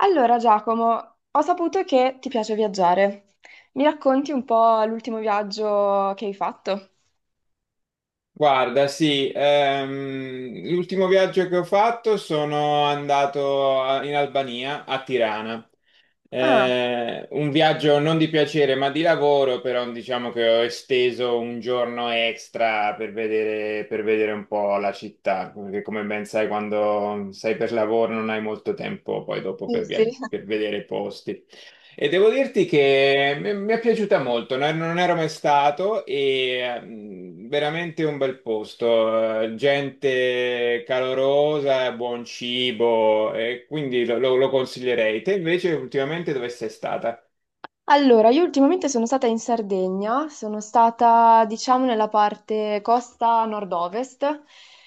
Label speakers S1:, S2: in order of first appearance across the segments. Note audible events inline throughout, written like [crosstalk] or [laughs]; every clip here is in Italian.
S1: Allora, Giacomo, ho saputo che ti piace viaggiare. Mi racconti un po' l'ultimo viaggio che hai fatto?
S2: Guarda, sì, l'ultimo viaggio che ho fatto sono andato in Albania, a Tirana.
S1: Ah,
S2: Un viaggio non di piacere, ma di lavoro, però diciamo che ho esteso un giorno extra per vedere, un po' la città, perché come ben sai, quando sei per lavoro non hai molto tempo poi dopo
S1: sì, sì.
S2: per vedere i posti. E devo dirti che mi è piaciuta molto, non ero mai stato e veramente un bel posto, gente calorosa, buon cibo, e quindi lo consiglierei. Te invece ultimamente dove sei stata?
S1: Allora, io ultimamente sono stata in Sardegna, sono stata diciamo nella parte costa nord-ovest,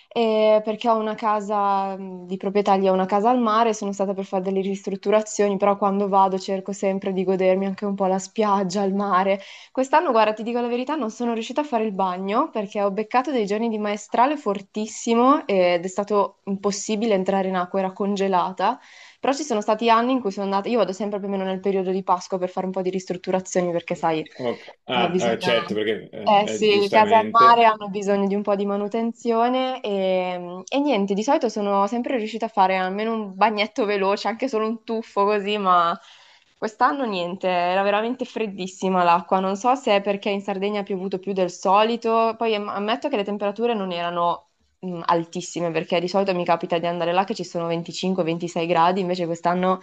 S1: perché ho una casa di proprietà lì, ho una casa al mare, sono stata per fare delle ristrutturazioni, però quando vado cerco sempre di godermi anche un po' la spiaggia, il mare. Quest'anno, guarda, ti dico la verità, non sono riuscita a fare il bagno perché ho beccato dei giorni di maestrale fortissimo ed è stato impossibile entrare in acqua, era congelata. Però ci sono stati anni in cui sono andata, io vado sempre più o meno nel periodo di Pasqua per fare un po' di ristrutturazioni perché, sai,
S2: Ok. Ah,
S1: bisogna...
S2: certo, perché
S1: Eh sì, le case al
S2: giustamente.
S1: mare hanno bisogno di un po' di manutenzione e niente, di solito sono sempre riuscita a fare almeno un bagnetto veloce, anche solo un tuffo così, ma quest'anno niente, era veramente freddissima l'acqua. Non so se è perché in Sardegna ha piovuto più del solito, poi ammetto che le temperature non erano altissime, perché di solito mi capita di andare là che ci sono 25-26 gradi, invece quest'anno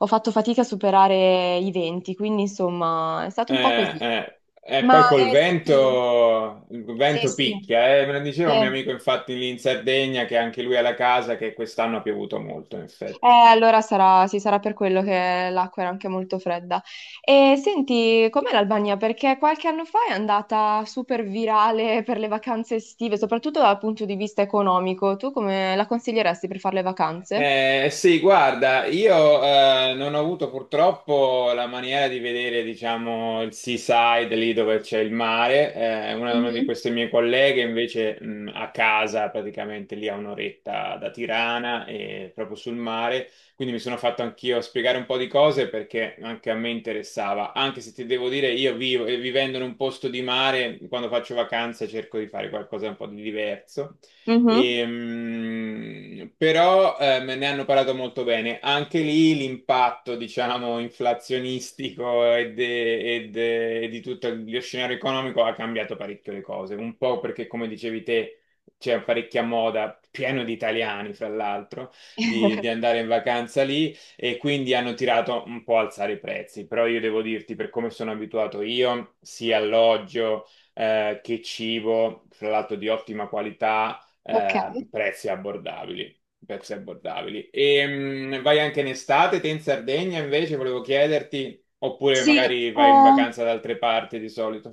S1: ho fatto fatica a superare i 20, quindi insomma è stato un po'
S2: Eh,
S1: così.
S2: eh, E poi col
S1: Senti,
S2: vento, il
S1: sì,
S2: vento
S1: sì,
S2: picchia, eh. Me lo
S1: sì.
S2: diceva un mio amico infatti lì in Sardegna che anche lui ha la casa che quest'anno ha piovuto molto, in effetti.
S1: Allora sarà, sì, sarà per quello che l'acqua era anche molto fredda. E senti, com'è l'Albania? Perché qualche anno fa è andata super virale per le vacanze estive, soprattutto dal punto di vista economico. Tu come la consiglieresti per fare le vacanze?
S2: Sì, guarda, io non ho avuto purtroppo la maniera di vedere, diciamo, il seaside lì dove c'è il mare. Una di
S1: Mhm.
S2: queste mie colleghe invece a casa, praticamente lì a un'oretta da Tirana e proprio sul mare. Quindi mi sono fatto anch'io spiegare un po' di cose perché anche a me interessava. Anche se ti devo dire, io vivo, vivendo in un posto di mare, quando faccio vacanze cerco di fare qualcosa un po' di diverso.
S1: Mhm.
S2: Però ne hanno parlato molto bene. Anche lì l'impatto, diciamo, inflazionistico e di tutto lo scenario economico ha cambiato parecchio le cose. Un po' perché, come dicevi te, c'è parecchia moda, pieno di italiani, fra l'altro, di
S1: [laughs]
S2: andare in vacanza lì e quindi hanno tirato un po' a alzare i prezzi. Però io devo dirti, per come sono abituato io, sia alloggio che cibo, fra l'altro di ottima qualità
S1: Ok,
S2: prezzi abbordabili, prezzi abbordabili. E vai anche in estate, te in Sardegna invece, volevo chiederti, oppure
S1: sì,
S2: magari vai in vacanza da altre parti di solito.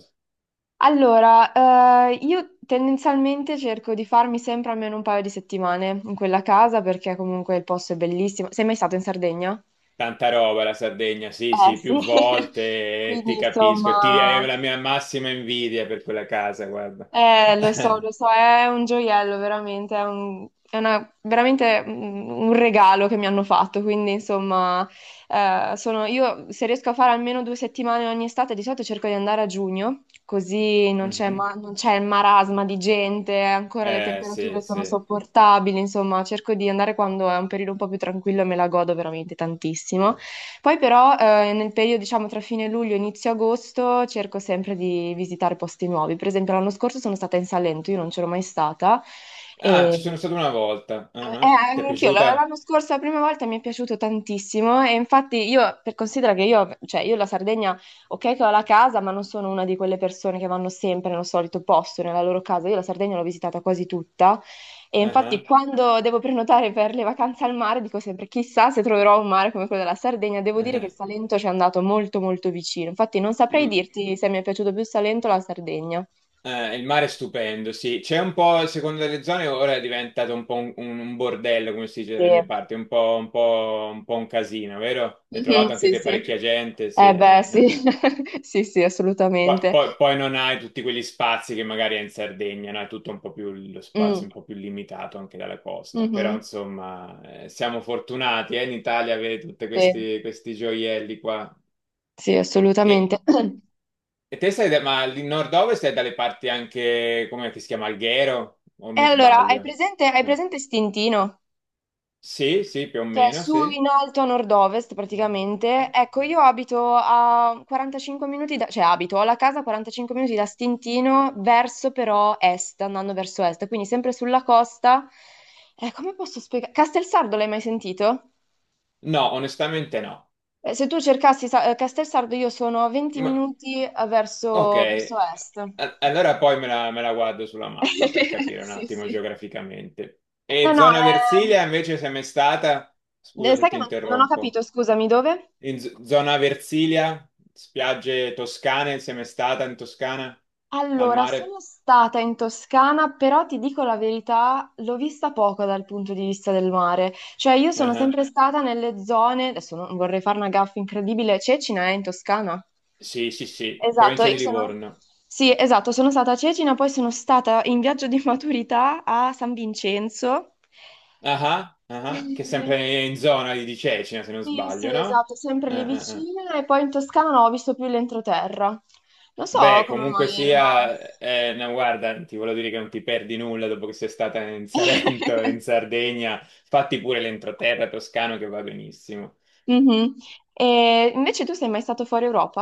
S1: allora, io tendenzialmente cerco di farmi sempre almeno un paio di settimane in quella casa perché comunque il posto è bellissimo. Sei mai stato in Sardegna?
S2: Tanta roba la Sardegna, sì,
S1: Eh
S2: sì, più
S1: sì, [laughs]
S2: volte, ti
S1: quindi
S2: capisco, e ti è
S1: insomma
S2: la mia massima invidia per quella casa, guarda.
S1: eh, lo
S2: [laughs]
S1: so, è un gioiello, veramente, è un, è una- veramente un regalo che mi hanno fatto, quindi insomma, io se riesco a fare almeno due settimane ogni estate, di solito cerco di andare a giugno, così
S2: Mhm.
S1: non c'è il marasma di gente, ancora le
S2: Sì,
S1: temperature sono
S2: sì.
S1: sopportabili, insomma, cerco di andare quando è un periodo un po' più tranquillo e me la godo veramente tantissimo. Poi però nel periodo, diciamo, tra fine luglio e inizio agosto cerco sempre di visitare posti nuovi. Per esempio, l'anno scorso sono stata in Salento, io non c'ero mai stata.
S2: Ah, ci sono
S1: E
S2: stato una volta. Ah, ah. Ti è
S1: anch'io l'anno
S2: piaciuta?
S1: scorso, la prima volta mi è piaciuto tantissimo e infatti io, per considera che io, cioè io la Sardegna, ok che ho la casa, ma non sono una di quelle persone che vanno sempre nello solito posto, nella loro casa, io la Sardegna l'ho visitata quasi tutta e
S2: Ah,
S1: infatti
S2: ah.
S1: quando devo prenotare per le vacanze al mare dico sempre chissà se troverò un mare come quello della Sardegna, devo
S2: Ah,
S1: dire che
S2: ah.
S1: il Salento ci è andato molto molto vicino, infatti non saprei
S2: Mm.
S1: dirti se mi è piaciuto più il Salento o la Sardegna.
S2: Il mare è stupendo, sì. C'è un po', secondo delle zone, ora è diventato un po' un bordello, come si dice
S1: Sì,
S2: dalle
S1: [laughs]
S2: mie parti, un po', un po', un po' un casino, vero? Hai
S1: mhm,
S2: trovato anche
S1: sì,
S2: te
S1: sì.
S2: parecchia gente, sì.
S1: Eh beh,
S2: Eh,
S1: sì,
S2: eh.
S1: [laughs] sì, sì,
S2: Poi,
S1: assolutamente.
S2: poi- poi non hai tutti quegli spazi che magari hai in Sardegna, no? È tutto un po' più, lo spazio
S1: Mm,
S2: è un po' più limitato anche dalla costa. Però,
S1: mhm,
S2: insomma, siamo fortunati, in Italia avere tutti
S1: sì,
S2: questi, questi gioielli qua.
S1: sì,
S2: E,
S1: assolutamente. [clears throat]
S2: e, ma il nord-ovest è dalle parti anche, come che si chiama, Alghero, o
S1: E
S2: mi
S1: allora,
S2: sbaglio?
S1: hai
S2: Eh.
S1: presente Stintino?
S2: Sì, sì, più o
S1: Che è
S2: meno,
S1: su
S2: sì.
S1: in alto a nord-ovest praticamente. Ecco, io abito a 45 minuti da... cioè abito, ho la casa a 45 minuti da Stintino verso però est, andando verso est, quindi sempre sulla costa. Come posso spiegare? Castelsardo l'hai mai sentito?
S2: No, onestamente no.
S1: Se tu cercassi Castelsardo, io sono a 20
S2: Ma-
S1: minuti verso, verso
S2: ok,
S1: est.
S2: A- allora poi me la guardo sulla mappa per
S1: [laughs]
S2: capire un
S1: Sì,
S2: attimo
S1: sì.
S2: geograficamente. E
S1: No,
S2: zona
S1: no,
S2: Versilia invece sei mai stata? Scusa se
S1: Sai
S2: ti
S1: che non, non ho capito,
S2: interrompo.
S1: scusami, dove?
S2: In zona Versilia, spiagge toscane, sei mai stata in Toscana? Al
S1: Allora,
S2: mare?
S1: sono stata in Toscana, però ti dico la verità, l'ho vista poco dal punto di vista del mare. Cioè, io
S2: Ah,
S1: sono
S2: ah.
S1: sempre stata nelle zone, adesso non vorrei fare una gaffa incredibile, Cecina è in Toscana?
S2: Sì, sì, sì,
S1: Esatto,
S2: provincia di
S1: io sono...
S2: Livorno.
S1: Sì, esatto, sono stata a Cecina, poi sono stata in viaggio di maturità a San Vincenzo.
S2: Ah, ah, ah, ah, che è
S1: [laughs] Eh,
S2: sempre in zona lì di Cecina, se non
S1: sì,
S2: sbaglio,
S1: sì,
S2: no?
S1: esatto, sempre lì
S2: Ah, ah, ah.
S1: vicino e poi in Toscana non ho visto più l'entroterra. Non so
S2: Beh,
S1: come
S2: comunque
S1: mai non ho...
S2: sia, no, guarda, ti voglio dire che non ti perdi nulla dopo che sei stata in Salento, [laughs]
S1: [laughs]
S2: in Sardegna, fatti pure l'entroterra toscano che va benissimo.
S1: Mhm. E invece tu sei mai stato fuori Europa?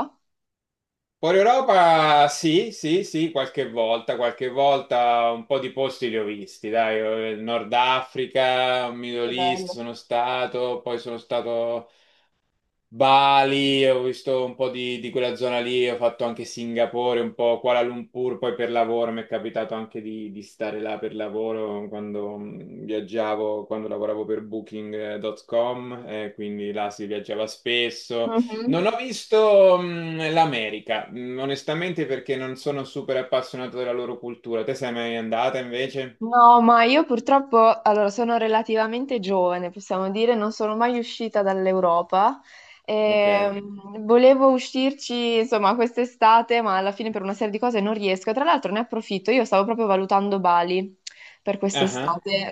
S2: Fuori Europa, sì, sì, sì, qualche volta un po' di posti li ho visti, dai, Nord Africa,
S1: Che
S2: Middle East
S1: bello.
S2: sono stato, poi sono stato Bali, ho visto un po' di quella zona lì, ho fatto anche Singapore, un po' Kuala Lumpur, poi per lavoro mi è capitato anche di stare là per lavoro quando viaggiavo, quando lavoravo per Booking.com, quindi là si viaggiava spesso. Non
S1: Mhm.
S2: ho visto l'America, onestamente perché non sono super appassionato della loro cultura. Te sei mai andata invece?
S1: No, ma io purtroppo, allora, sono relativamente giovane, possiamo dire, non sono mai uscita dall'Europa.
S2: Ok.
S1: Volevo uscirci, insomma, quest'estate, ma alla fine per una serie di cose non riesco. Tra l'altro ne approfitto, io stavo proprio valutando Bali per
S2: Ah, ah,
S1: quest'estate.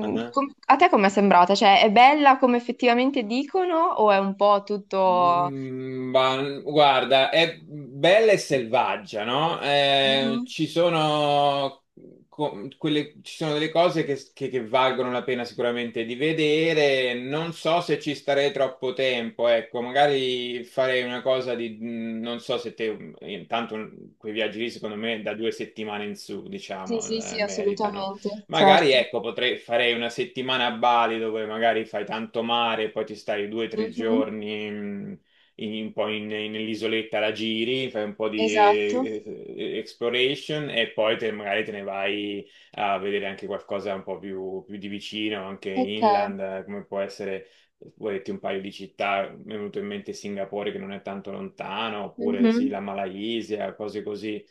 S2: ah, ah.
S1: A te com'è sembrata? Cioè, è bella come effettivamente dicono o è un po' tutto...
S2: Mm, guarda, è bella e selvaggia, no?
S1: Mhm,
S2: Ci sono ci sono delle cose che valgono la pena sicuramente di vedere. Non so se ci starei troppo tempo, ecco, magari farei una cosa di, non so se te, intanto quei viaggi lì secondo me da 2 settimane in su,
S1: sì, sì,
S2: diciamo,
S1: sì,
S2: meritano.
S1: assolutamente,
S2: Magari,
S1: certo.
S2: ecco, potrei farei una settimana a Bali dove magari fai tanto mare, e poi ti stai due o tre
S1: Mhm,
S2: giorni in, un po' in- in- nell'isoletta, la giri, fai un po' di
S1: esatto.
S2: exploration e poi magari te ne vai a vedere anche qualcosa un po' più, più di vicino, anche
S1: Ok.
S2: inland, come può essere, vuoi dirti un paio di città, mi è venuto in mente Singapore che non è tanto lontano, oppure sì,
S1: Mhm.
S2: la Malaysia, cose così.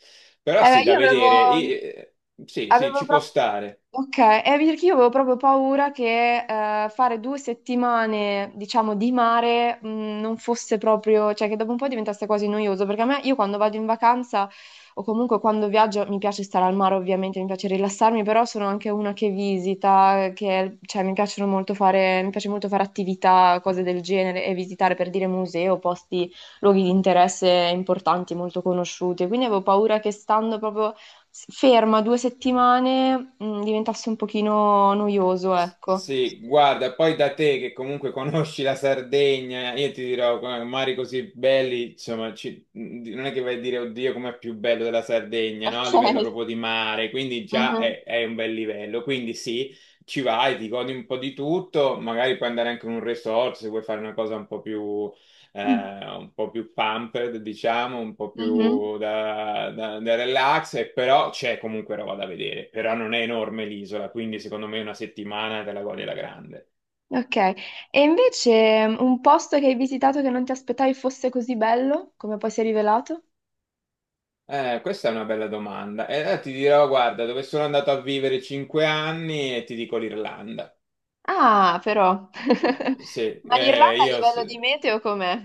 S2: Però
S1: Eh beh,
S2: sì, da
S1: io avevo,
S2: vedere. Sì, sì,
S1: avevo
S2: ci può
S1: proprio...
S2: stare.
S1: Ok, perché io avevo proprio paura che fare due settimane, diciamo, di mare non fosse proprio... cioè che dopo un po' diventasse quasi noioso, perché a me, io quando vado in vacanza o comunque quando viaggio, mi piace stare al mare ovviamente, mi piace rilassarmi, però sono anche una che visita, che, cioè, mi piace molto fare attività, cose del genere, e visitare per dire musei o posti, luoghi di interesse importanti, molto conosciuti, quindi avevo paura che stando proprio ferma due settimane, diventasse un pochino noioso, ecco.
S2: Sì, guarda, poi da te che comunque conosci la Sardegna, io ti dirò, come mari così belli, insomma, non è che vai a dire, oddio, com'è più bello della Sardegna, no? A
S1: Ok.
S2: livello proprio di mare, quindi già
S1: Mhm.
S2: è un bel livello. Quindi sì, ci vai, ti godi un po' di tutto, magari puoi andare anche in un resort se vuoi fare una cosa un po' più pumped, diciamo, un po'
S1: Mhm.
S2: più da relax, e però c'è comunque roba da vedere, però non è enorme l'isola, quindi secondo me una settimana te la godi alla grande.
S1: Ok, e invece un posto che hai visitato che non ti aspettavi fosse così bello, come poi si è rivelato?
S2: Questa è una bella domanda. E ti dirò, guarda, dove sono andato a vivere 5 anni e ti dico l'Irlanda.
S1: Ah, però. [laughs]
S2: Sì,
S1: Ma l'Irlanda a
S2: io...
S1: livello di
S2: s-
S1: meteo com'è?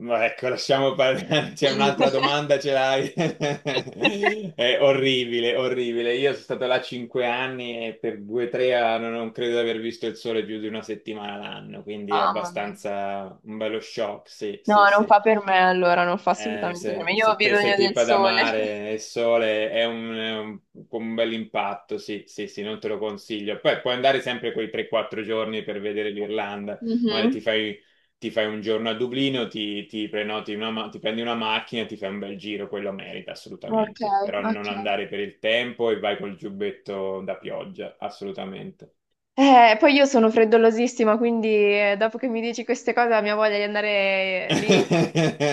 S2: Ma ecco, lasciamo parlare. [laughs] C'è un'altra
S1: [laughs]
S2: domanda, ce l'hai? [laughs] È orribile, orribile. Io sono stato là 5 anni e per 2 o 3 anni non credo di aver visto il sole più di una settimana l'anno, quindi è
S1: Mamma mia.
S2: abbastanza un bello shock. Sì,
S1: No,
S2: sì,
S1: non
S2: sì.
S1: fa per me allora, non fa assolutamente per me.
S2: Se,
S1: Io ho
S2: se te sei
S1: bisogno del
S2: tipo ad
S1: sole. [laughs]
S2: amare il sole è un, un bel impatto, sì, sì, sì, non te lo consiglio. Poi puoi andare sempre quei 3-4 giorni per vedere l'Irlanda, magari
S1: Mhm.
S2: ti fai un giorno a Dublino, ti prenoti una, ti prendi una macchina, ti fai un bel giro, quello merita
S1: Ok,
S2: assolutamente, però
S1: ok.
S2: non andare per il tempo e vai col giubbetto da pioggia, assolutamente.
S1: Poi io sono freddolosissima, quindi dopo che mi dici queste cose la mia voglia di andare lì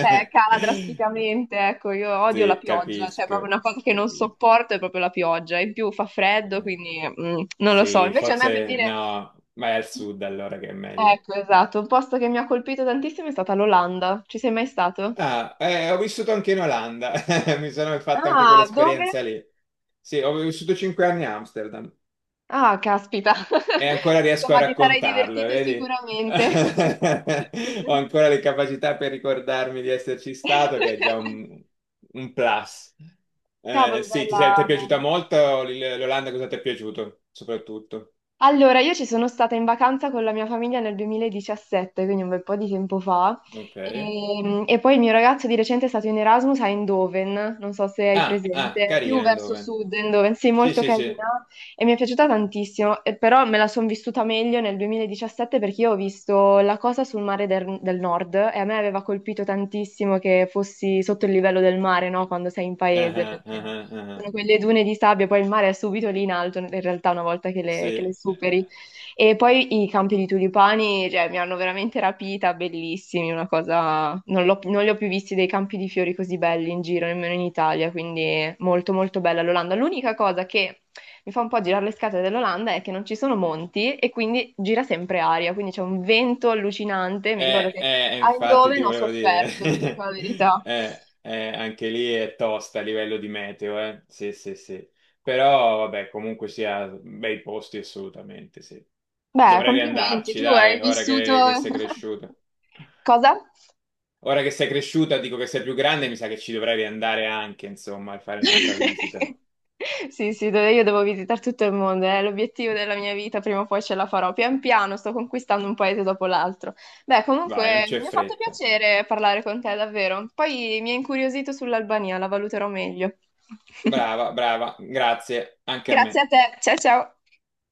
S1: cala drasticamente, ecco, io odio la
S2: Sì,
S1: pioggia, cioè proprio
S2: capisco,
S1: una cosa che non
S2: capisco.
S1: sopporto è proprio la pioggia, in più fa freddo,
S2: Eh.
S1: quindi non lo so.
S2: Sì,
S1: Invece a me per
S2: forse
S1: dire,
S2: no, vai al sud allora che è meglio.
S1: ecco, esatto, un posto che mi ha colpito tantissimo è stata l'Olanda, ci sei mai stato?
S2: Ah, ho vissuto anche in Olanda, [laughs] mi sono fatto anche
S1: Ah, dove?
S2: quell'esperienza lì. Sì, ho vissuto 5 anni a Amsterdam
S1: Ah, caspita,
S2: e
S1: [laughs]
S2: ancora riesco a
S1: insomma ti sarai
S2: raccontarlo,
S1: divertito
S2: vedi?
S1: sicuramente.
S2: [laughs] Ho ancora le capacità per ricordarmi di esserci stato, che è già
S1: [laughs]
S2: un plus.
S1: Cavolo,
S2: Sì, ti, ti è
S1: bella,
S2: piaciuta
S1: bella.
S2: molto l'Olanda? Cosa ti è piaciuto soprattutto?
S1: Allora, io ci sono stata in vacanza con la mia famiglia nel 2017, quindi un bel po' di tempo fa.
S2: Ok.
S1: E poi il mio ragazzo di recente è stato in Erasmus a Eindhoven, non so se hai
S2: Ah, ah,
S1: presente, più
S2: carina,
S1: verso
S2: Eindhoven.
S1: sud, Eindhoven, sì,
S2: Sì,
S1: molto
S2: sì, sì.
S1: carina e mi è piaciuta tantissimo. E però me la sono vissuta meglio nel 2017 perché io ho visto la cosa sul mare del nord e a me aveva colpito tantissimo che fossi sotto il livello del mare, no? Quando sei in
S2: Ah,
S1: paese,
S2: ah,
S1: perché
S2: ah, ah.
S1: sono quelle dune di sabbia, poi il mare è subito lì in alto, in realtà, una volta che le, che
S2: Sì,
S1: le superi. E poi i campi di tulipani, cioè, mi hanno veramente rapita, bellissimi, una cosa... non li ho più visti dei campi di fiori così belli in giro, nemmeno in Italia, quindi molto molto bella l'Olanda. L'unica cosa che mi fa un po' girare le scatole dell'Olanda è che non ci sono monti e quindi gira sempre aria, quindi c'è un vento allucinante. Mi ricordo che a
S2: infatti
S1: Eindhoven
S2: ti
S1: ho
S2: volevo
S1: sofferto, ti dico
S2: dire.
S1: la
S2: [laughs]
S1: verità.
S2: Anche lì è tosta a livello di meteo, eh. Sì, sì, sì. Però vabbè, comunque sia bei posti assolutamente, sì.
S1: Beh,
S2: Dovrei
S1: complimenti,
S2: riandarci,
S1: tu hai
S2: dai, ora
S1: vissuto...
S2: che sei
S1: [laughs]
S2: cresciuta.
S1: Cosa?
S2: Ora che sei cresciuta, dico che sei più grande, mi sa che ci dovrei riandare anche, insomma, a fare un'altra visita.
S1: [laughs] Sì, sì, dove io devo visitare tutto il mondo, è l'obiettivo della mia vita, prima o poi ce la farò. Pian piano sto conquistando un paese dopo l'altro. Beh,
S2: Vai, non
S1: comunque
S2: c'è
S1: mi ha fatto
S2: fretta.
S1: piacere parlare con te, davvero. Poi mi ha incuriosito sull'Albania, la valuterò meglio.
S2: Brava,
S1: [laughs]
S2: brava, grazie, anche a
S1: Grazie a
S2: me.
S1: te, ciao ciao.